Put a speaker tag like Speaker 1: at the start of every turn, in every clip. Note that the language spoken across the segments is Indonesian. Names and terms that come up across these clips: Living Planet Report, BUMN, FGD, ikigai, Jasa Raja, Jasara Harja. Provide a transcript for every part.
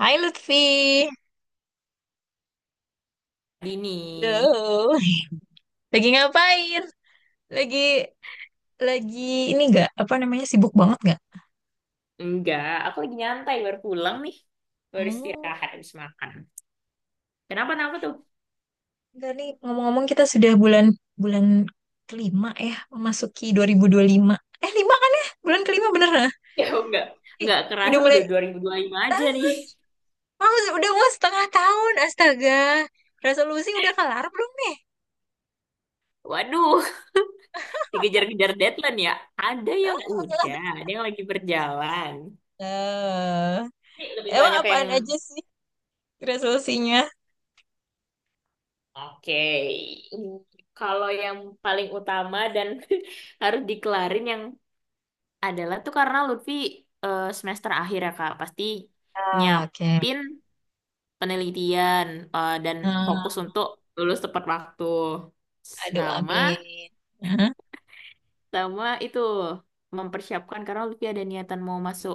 Speaker 1: Hai Lutfi,
Speaker 2: Dini.
Speaker 1: halo. Lagi ngapain? Lagi lagi ini nggak apa namanya sibuk banget nggak?
Speaker 2: Enggak, aku lagi nyantai baru pulang nih. Baru
Speaker 1: Oh,
Speaker 2: istirahat habis makan. Kenapa kenapa tuh?
Speaker 1: enggak nih. Ngomong-ngomong kita sudah bulan bulan kelima ya, memasuki dua ribu lima. Eh lima kan ya? Bulan kelima bener lah.
Speaker 2: Ya enggak.
Speaker 1: Ih,
Speaker 2: Enggak
Speaker 1: udah
Speaker 2: kerasa
Speaker 1: mulai.
Speaker 2: udah dua dua ribu dua puluh lima
Speaker 1: Ah,
Speaker 2: aja nih.
Speaker 1: udah mau setengah tahun, astaga. Resolusi udah kelar belum nih?
Speaker 2: Waduh, dikejar-kejar deadline ya. Ada yang udah, ada yang lagi berjalan.
Speaker 1: Eh,
Speaker 2: Tapi lebih
Speaker 1: emang
Speaker 2: banyak yang
Speaker 1: apaan aja sih resolusinya?
Speaker 2: oke. Kalau yang paling utama dan harus dikelarin yang adalah tuh karena Lutfi semester akhir ya Kak, pasti
Speaker 1: Ah, oke.
Speaker 2: nyiapin penelitian dan fokus
Speaker 1: Nah,
Speaker 2: untuk lulus tepat waktu.
Speaker 1: aduh,
Speaker 2: Sama,
Speaker 1: amin. Hah?
Speaker 2: sama itu mempersiapkan karena Lutfi ada niatan mau masuk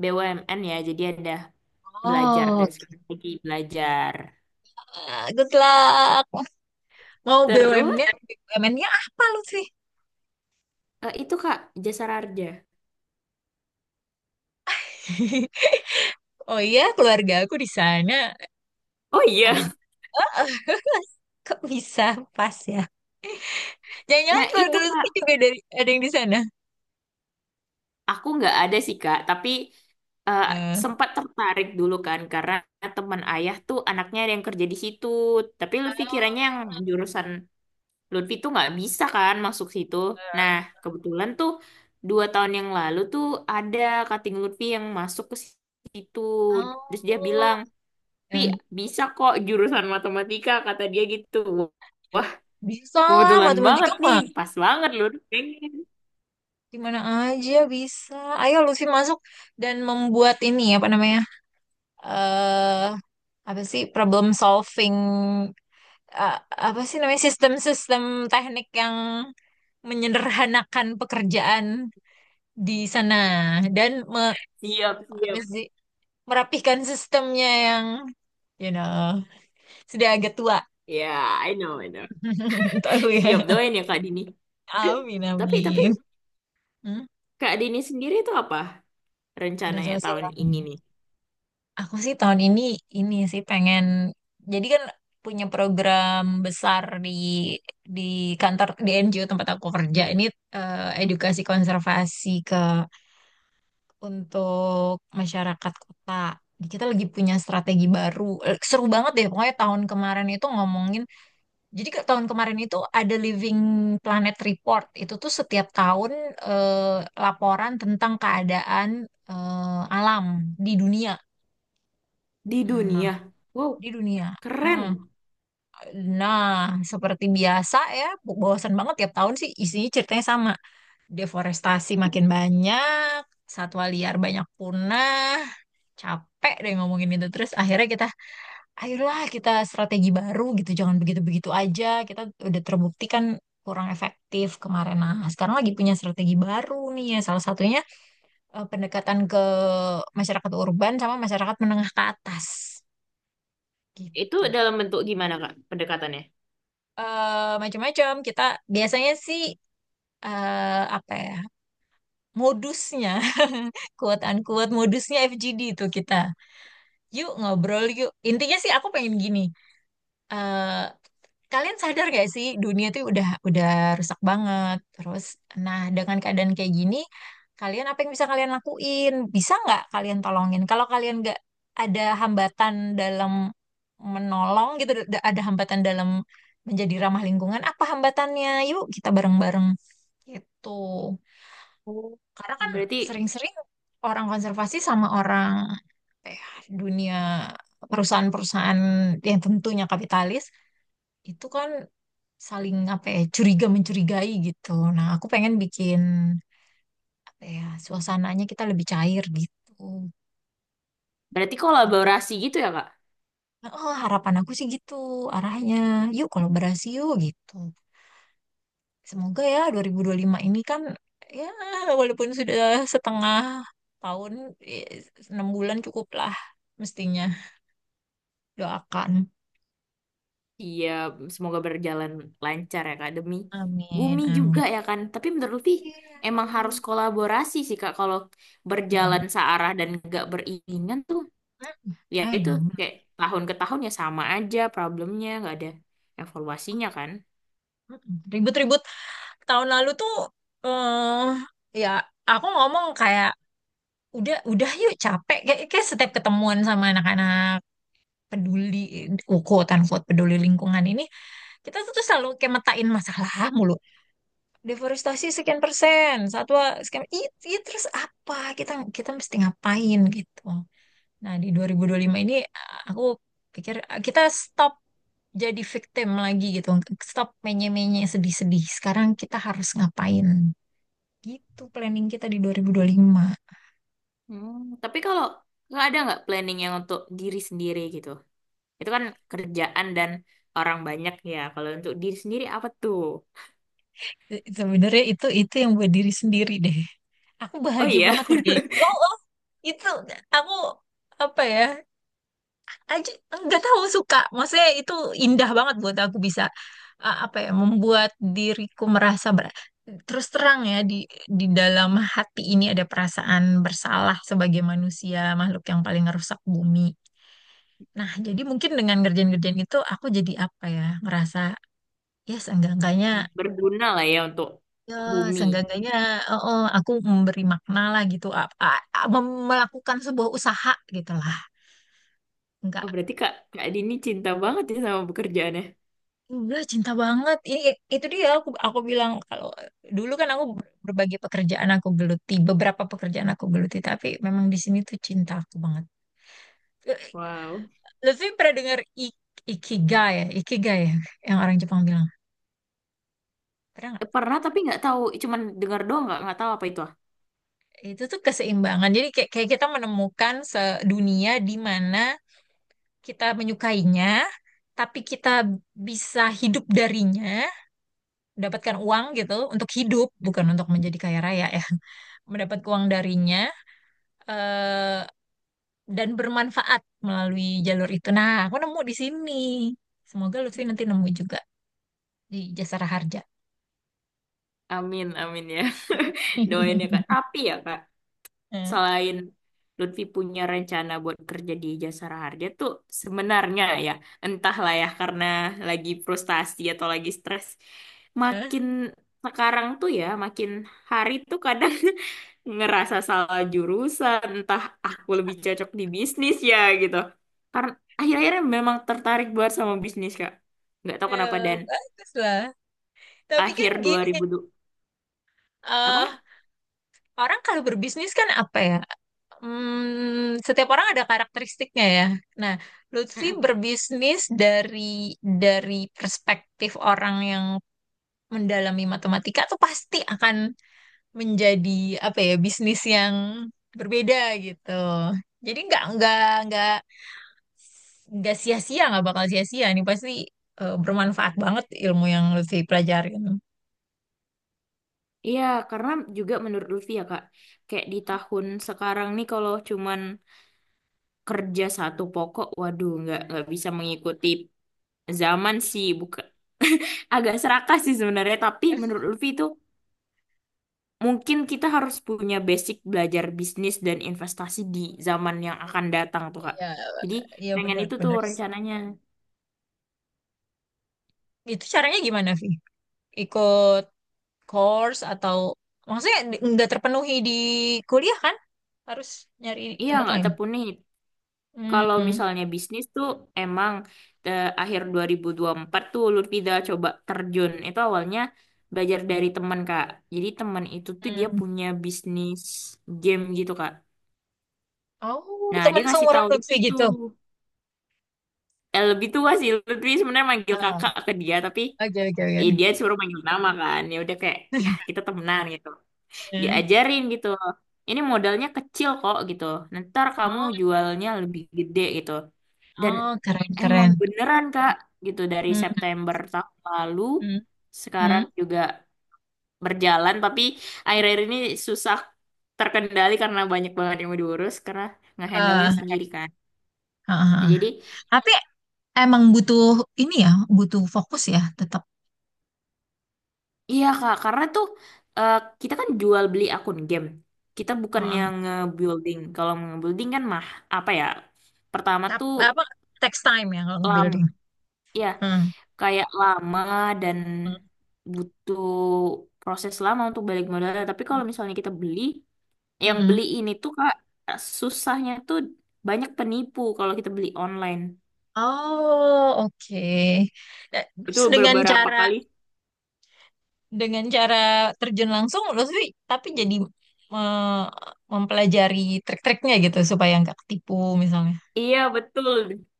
Speaker 2: BUMN ya, jadi ada belajar
Speaker 1: Oh,
Speaker 2: dari
Speaker 1: gitu.
Speaker 2: sekarang lagi belajar.
Speaker 1: Ah, good luck. Mau
Speaker 2: Terus
Speaker 1: BUMN-nya, BUMN-nya apa lu sih?
Speaker 2: itu Kak Jasa Raja.
Speaker 1: Oh iya, keluarga aku di sana
Speaker 2: Oh
Speaker 1: ada di
Speaker 2: iya,
Speaker 1: kok bisa pas ya. Jangan-jangan
Speaker 2: nah itu
Speaker 1: keluarga lu
Speaker 2: Kak
Speaker 1: sih juga dari ada yang di sana.
Speaker 2: aku nggak ada sih Kak, tapi eh,
Speaker 1: Eh,
Speaker 2: sempat tertarik dulu kan karena teman ayah tuh anaknya ada yang kerja di situ, tapi Lutfi kiranya yang jurusan Lutfi tuh nggak bisa kan masuk situ. Nah, kebetulan tuh dua tahun yang lalu tuh ada kating Lutfi yang masuk ke situ. Terus dia bilang,
Speaker 1: Oh,
Speaker 2: Pi,
Speaker 1: eh,
Speaker 2: bisa kok jurusan matematika, kata dia gitu. Wah,
Speaker 1: bisa lah
Speaker 2: kebetulan
Speaker 1: matematika
Speaker 2: banget nih.
Speaker 1: mah
Speaker 2: Pas banget Lutfi. Pengen.
Speaker 1: di mana aja bisa. Ayo Lucy masuk dan membuat ini apa namanya? Eh apa sih problem solving, eh, apa sih namanya sistem-sistem teknik yang menyederhanakan pekerjaan di sana dan
Speaker 2: Siap,
Speaker 1: apa
Speaker 2: siap.
Speaker 1: sih, merapihkan sistemnya yang you know sudah agak tua
Speaker 2: Ya, I know, I know.
Speaker 1: tahu ya,
Speaker 2: Siap doain ya Kak Dini.
Speaker 1: amin
Speaker 2: Tapi
Speaker 1: amin. Hmm?
Speaker 2: Kak Dini sendiri tuh apa rencananya
Speaker 1: Resolusi
Speaker 2: tahun
Speaker 1: tahun
Speaker 2: ini
Speaker 1: ini.
Speaker 2: nih?
Speaker 1: Aku sih tahun ini sih pengen, jadi kan punya program besar di kantor di NGO tempat aku kerja ini, edukasi konservasi ke untuk masyarakat kota. Jadi kita lagi punya strategi baru. Seru banget deh, pokoknya tahun kemarin itu ngomongin. Jadi ke tahun kemarin itu ada Living Planet Report. Itu tuh setiap tahun, eh, laporan tentang keadaan, alam di dunia.
Speaker 2: Di dunia.
Speaker 1: Nah,
Speaker 2: Wow,
Speaker 1: di dunia.
Speaker 2: keren.
Speaker 1: Heeh. Nah, seperti biasa ya, bosan banget tiap tahun sih isinya ceritanya sama. Deforestasi makin banyak, satwa liar banyak punah, capek deh ngomongin itu. Terus akhirnya kita, ayolah kita strategi baru gitu, jangan begitu-begitu aja. Kita udah terbukti kan kurang efektif kemarin. Nah, sekarang lagi punya strategi baru nih ya. Salah satunya, pendekatan ke masyarakat urban sama masyarakat menengah ke atas
Speaker 2: Itu
Speaker 1: gitu.
Speaker 2: dalam bentuk gimana, Kak, pendekatannya?
Speaker 1: Eh, macam-macam. Kita biasanya sih, apa ya, modusnya, quote unquote modusnya FGD itu kita yuk ngobrol yuk. Intinya sih aku pengen gini. eh, Kalian sadar gak sih dunia tuh udah rusak banget. Terus, nah dengan keadaan kayak gini, kalian apa yang bisa kalian lakuin? Bisa nggak kalian tolongin? Kalau kalian nggak ada hambatan dalam menolong gitu, ada hambatan dalam menjadi ramah lingkungan, apa hambatannya? Yuk kita bareng-bareng gitu.
Speaker 2: Oh.
Speaker 1: Karena kan
Speaker 2: Berarti
Speaker 1: sering-sering orang konservasi sama orang, eh, dunia perusahaan-perusahaan yang tentunya kapitalis itu kan saling apa ya curiga mencurigai gitu. Nah, aku pengen bikin apa ya suasananya kita lebih cair gitu.
Speaker 2: berarti
Speaker 1: Tahun-
Speaker 2: kolaborasi gitu ya Kak?
Speaker 1: Oh, harapan aku sih gitu arahnya. Yuk kolaborasi yuk gitu. Semoga ya dua dua ribu dua puluh lima ini kan ya, walaupun sudah setengah tahun, eh, enam bulan cukup lah mestinya, doakan.
Speaker 2: Iya, semoga berjalan lancar ya Kak demi
Speaker 1: Amin,
Speaker 2: bumi juga
Speaker 1: amin.
Speaker 2: ya kan. Tapi menurut Lutfi
Speaker 1: Iya,
Speaker 2: emang harus kolaborasi sih Kak kalau berjalan
Speaker 1: itu.
Speaker 2: searah dan nggak beriringan tuh
Speaker 1: Mm,
Speaker 2: ya itu
Speaker 1: emang.
Speaker 2: kayak tahun ke tahun ya sama aja problemnya nggak ada evaluasinya kan.
Speaker 1: Mm, ribut-ribut tahun lalu tuh, eh ya, aku ngomong kayak udah yuk capek kayak, kayak setiap ketemuan sama anak-anak peduli, quote unquote peduli lingkungan ini, kita tuh selalu kayak metain masalah mulu, deforestasi sekian persen satwa sekian terus apa kita kita mesti ngapain gitu. Nah, di dua dua ribu dua puluh lima ini, aku pikir, kita stop jadi victim lagi gitu. Stop menye-menye sedih-sedih. Sekarang kita harus ngapain? Gitu planning kita di 2025.
Speaker 2: Hmm, tapi kalau nggak ada nggak planning yang untuk diri sendiri gitu. Itu kan kerjaan dan orang banyak ya. Kalau untuk diri sendiri apa tuh?
Speaker 1: Sebenarnya itu yang buat diri sendiri deh. Aku
Speaker 2: Oh
Speaker 1: bahagia
Speaker 2: iya.
Speaker 1: banget ngerjain itu. Oh, oh, itu aku apa ya? Aja nggak tahu suka, maksudnya itu indah banget buat aku bisa, apa ya, membuat diriku merasa terus terang ya di dalam hati ini ada perasaan bersalah sebagai manusia makhluk yang paling ngerusak bumi. Nah jadi mungkin dengan ngerjain-ngerjain itu aku jadi apa ya ngerasa, ya seenggak-enggaknya,
Speaker 2: Berguna lah ya untuk
Speaker 1: ya
Speaker 2: bumi.
Speaker 1: seenggak-enggaknya, oh, oh, aku memberi makna lah gitu, melakukan sebuah usaha gitu lah.
Speaker 2: Oh,
Speaker 1: Enggak.
Speaker 2: berarti Kak, Kak Dini cinta banget ya sama pekerjaannya.
Speaker 1: Udah cinta banget. Ini itu dia, aku bilang kalau dulu kan aku berbagai pekerjaan aku geluti, beberapa pekerjaan aku geluti, tapi memang di sini tuh cinta aku banget. Eh,
Speaker 2: Wow.
Speaker 1: Lutfi pernah dengar ik- ikigai ya, yang orang Jepang bilang. Pernah nggak?
Speaker 2: Pernah tapi nggak tahu, cuman dengar doang nggak tahu apa itu. Ah.
Speaker 1: Itu tuh keseimbangan. Jadi kayak, kayak kita menemukan dunia di mana kita menyukainya, tapi kita bisa hidup darinya, mendapatkan uang gitu untuk hidup, bukan untuk menjadi kaya raya ya. Mendapat uang darinya, eh, dan bermanfaat melalui jalur itu. Nah, aku nemu di sini. Semoga Lutfi nanti nemu juga di Jasara Harja.
Speaker 2: Amin, amin ya. Doain ya Kak. Tapi ya Kak,
Speaker 1: Eh,
Speaker 2: selain Lutfi punya rencana buat kerja di Jasara Harja tuh sebenarnya ya entahlah ya karena lagi frustasi atau lagi stres
Speaker 1: eh,
Speaker 2: makin sekarang tuh ya makin hari tuh kadang ngerasa salah jurusan entah aku lebih cocok di bisnis ya gitu karena akhir-akhirnya memang tertarik buat sama bisnis Kak nggak tahu kenapa dan
Speaker 1: bagus lah. Tapi kan
Speaker 2: akhir
Speaker 1: gini,
Speaker 2: 2000 du- apa.
Speaker 1: eh, orang kalau berbisnis kan apa ya? Hmm, setiap orang ada karakteristiknya ya. Nah, Lutfi berbisnis dari dari perspektif orang yang mendalami matematika tuh pasti akan menjadi apa ya bisnis yang berbeda gitu. Jadi nggak nggak sia-sia, nggak bakal sia-sia nih pasti, bermanfaat banget ilmu yang Lutfi pelajarin.
Speaker 2: Iya, karena juga menurut Lutfi ya Kak, kayak di tahun sekarang nih kalau cuman kerja satu pokok, waduh nggak bisa mengikuti zaman sih, bukan agak serakah sih sebenarnya. Tapi menurut Lutfi itu mungkin kita harus punya basic belajar bisnis dan investasi di zaman yang akan datang tuh Kak.
Speaker 1: Iya,
Speaker 2: Jadi
Speaker 1: iya
Speaker 2: pengen itu tuh
Speaker 1: benar-benar sih.
Speaker 2: rencananya.
Speaker 1: Itu caranya gimana, Vi? Ikut course atau maksudnya nggak terpenuhi di kuliah kan? Harus nyari
Speaker 2: Iya
Speaker 1: tempat
Speaker 2: nggak
Speaker 1: lain.
Speaker 2: tekuni. Kalau
Speaker 1: Hmm,
Speaker 2: misalnya bisnis tuh emang akhir 2024 tuh Lutfi dah coba terjun. Itu awalnya belajar dari teman, Kak. Jadi teman itu tuh dia
Speaker 1: hmm.
Speaker 2: punya bisnis game gitu, Kak.
Speaker 1: Oh,
Speaker 2: Nah, dia
Speaker 1: teman
Speaker 2: ngasih
Speaker 1: seumuran
Speaker 2: tahu
Speaker 1: Lutfi
Speaker 2: Lutfi tuh.
Speaker 1: gitu.
Speaker 2: Eh, lebih tua sih. Lutfi sebenarnya manggil
Speaker 1: Ah,
Speaker 2: kakak ke dia, tapi
Speaker 1: oke oke oke.
Speaker 2: dia suruh manggil nama kan. Ya udah kayak, ya kita temenan gitu.
Speaker 1: Hmm.
Speaker 2: Diajarin gitu. Ini modalnya kecil kok gitu. Ntar kamu jualnya lebih gede gitu. Dan
Speaker 1: Oh,
Speaker 2: emang
Speaker 1: keren-keren.
Speaker 2: beneran Kak gitu dari
Speaker 1: Hmm,
Speaker 2: September tahun lalu
Speaker 1: hmm,
Speaker 2: sekarang
Speaker 1: hmm.
Speaker 2: juga berjalan tapi
Speaker 1: Eh,
Speaker 2: akhir-akhir ini susah terkendali karena banyak banget yang mau diurus karena ngehandle-nya
Speaker 1: ah,
Speaker 2: sendiri kan.
Speaker 1: ah,
Speaker 2: Nah,
Speaker 1: ah.
Speaker 2: jadi
Speaker 1: Tapi emang butuh ini ya, butuh fokus ya, tetap.
Speaker 2: iya Kak karena tuh eh, kita kan jual beli akun game. Kita
Speaker 1: Oh,
Speaker 2: bukan
Speaker 1: ah.
Speaker 2: yang nge-building. Kalau nge-building kan mah apa ya? Pertama tuh
Speaker 1: Apa text time ya kalau
Speaker 2: lama.
Speaker 1: building.
Speaker 2: Ya,
Speaker 1: Hmm,
Speaker 2: kayak lama dan
Speaker 1: hmm,
Speaker 2: butuh proses lama untuk balik modal. Tapi
Speaker 1: hmm,
Speaker 2: kalau misalnya kita beli,
Speaker 1: hmm,
Speaker 2: yang
Speaker 1: hmm.
Speaker 2: beli ini tuh Kak, susahnya tuh banyak penipu kalau kita beli online.
Speaker 1: Oh, oke. Eh,
Speaker 2: Itu
Speaker 1: terus dengan
Speaker 2: beberapa
Speaker 1: cara,
Speaker 2: kali.
Speaker 1: dengan cara terjun langsung, Lutfi, tapi jadi, eh, mempelajari trik-triknya gitu supaya nggak ketipu misalnya.
Speaker 2: Iya, betul.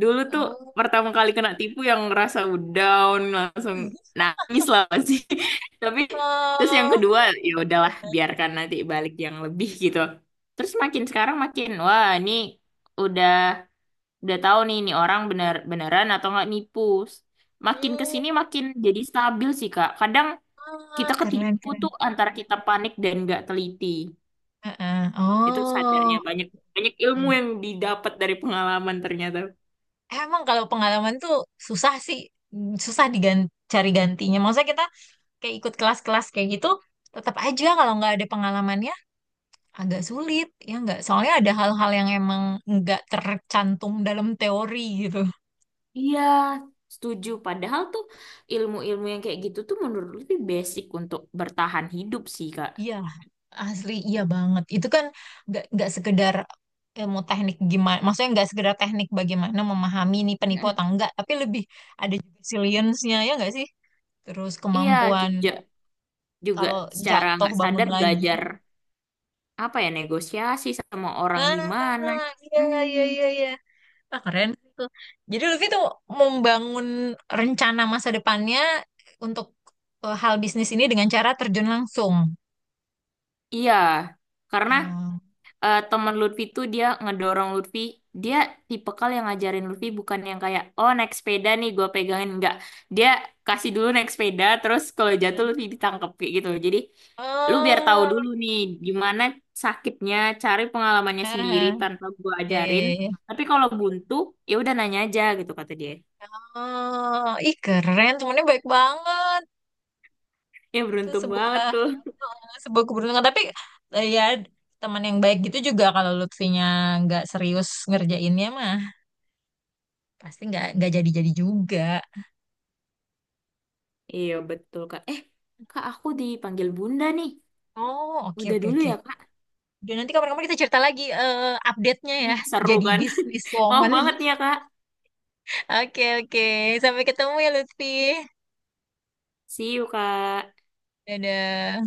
Speaker 2: Dulu tuh
Speaker 1: Oh,
Speaker 2: pertama kali
Speaker 1: oke.
Speaker 2: kena tipu yang ngerasa down, langsung nangis lah pasti. Tapi terus yang
Speaker 1: ah,
Speaker 2: kedua, ya udahlah biarkan nanti balik yang lebih gitu. Terus makin sekarang makin, wah ini udah. Udah tahu nih, ini orang bener beneran atau nggak nipu. Makin ke
Speaker 1: hmm.
Speaker 2: sini makin jadi stabil sih, Kak. Kadang
Speaker 1: Ah,
Speaker 2: kita
Speaker 1: keren,
Speaker 2: ketipu
Speaker 1: keren.
Speaker 2: tuh antara kita panik dan nggak teliti.
Speaker 1: Heeh.
Speaker 2: Itu sadarnya
Speaker 1: Oh,
Speaker 2: banyak banyak ilmu
Speaker 1: oke.
Speaker 2: yang didapat dari pengalaman ternyata.
Speaker 1: Eh, emang kalau pengalaman tuh susah sih, mm, susah diganti, cari gantinya. Maksudnya kita kayak ikut kelas-kelas kayak gitu, tetap aja kalau nggak ada pengalamannya agak sulit, ya nggak? Soalnya ada hal-hal yang emang nggak tercantum dalam teori gitu.
Speaker 2: Iya, setuju. Padahal tuh ilmu-ilmu yang kayak gitu tuh menurut lebih basic untuk bertahan hidup sih, Kak.
Speaker 1: Iya, asli iya banget. Itu kan nggak sekedar ilmu teknik gimana, maksudnya nggak sekedar teknik bagaimana memahami ini penipu
Speaker 2: Mm-mm.
Speaker 1: atau enggak, tapi lebih ada juga resilience-nya ya nggak sih? Terus
Speaker 2: Iya,
Speaker 1: kemampuan
Speaker 2: kita juga
Speaker 1: kalau
Speaker 2: secara
Speaker 1: jatuh
Speaker 2: nggak
Speaker 1: bangun
Speaker 2: sadar
Speaker 1: lagi.
Speaker 2: belajar apa ya negosiasi sama orang gimana.
Speaker 1: Ah,
Speaker 2: Hmm.
Speaker 1: iya iya. Ah, keren tuh. Jadi Lutfi tuh membangun rencana masa depannya untuk, hal bisnis ini dengan cara terjun langsung.
Speaker 2: Iya, karena
Speaker 1: Hmm.
Speaker 2: temen Lutfi tuh dia ngedorong Lutfi, dia tipikal yang ngajarin Lutfi bukan yang kayak, oh naik sepeda nih gue pegangin, enggak. Dia kasih dulu naik sepeda, terus kalau jatuh Lutfi ditangkep kayak gitu. Jadi lu biar tahu
Speaker 1: Oh,
Speaker 2: dulu nih gimana sakitnya, cari pengalamannya sendiri
Speaker 1: ah,
Speaker 2: tanpa gue
Speaker 1: iya,
Speaker 2: ajarin.
Speaker 1: iya, iya.
Speaker 2: Tapi kalau buntu, ya udah nanya aja gitu kata dia.
Speaker 1: Oh, ih keren, temennya baik banget.
Speaker 2: Ya
Speaker 1: Itu
Speaker 2: beruntung banget
Speaker 1: sebuah
Speaker 2: tuh.
Speaker 1: sebuah keberuntungan. Tapi, ya, teman yang baik gitu juga kalau Lutfinya nggak serius ngerjainnya mah pasti nggak jadi-jadi juga.
Speaker 2: Iya betul kak. Eh kak aku dipanggil bunda nih.
Speaker 1: Oh, oke
Speaker 2: Udah
Speaker 1: oke
Speaker 2: dulu
Speaker 1: oke.
Speaker 2: ya kak.
Speaker 1: Dan nanti kapan-kapan kita cerita lagi, update-nya ya.
Speaker 2: Iya seru
Speaker 1: Jadi
Speaker 2: kan?
Speaker 1: bisnis
Speaker 2: Maaf
Speaker 1: woman.
Speaker 2: banget nih ya Kak.
Speaker 1: Oke oke. Sampai ketemu ya Lutfi.
Speaker 2: See you Kak.
Speaker 1: Dadah.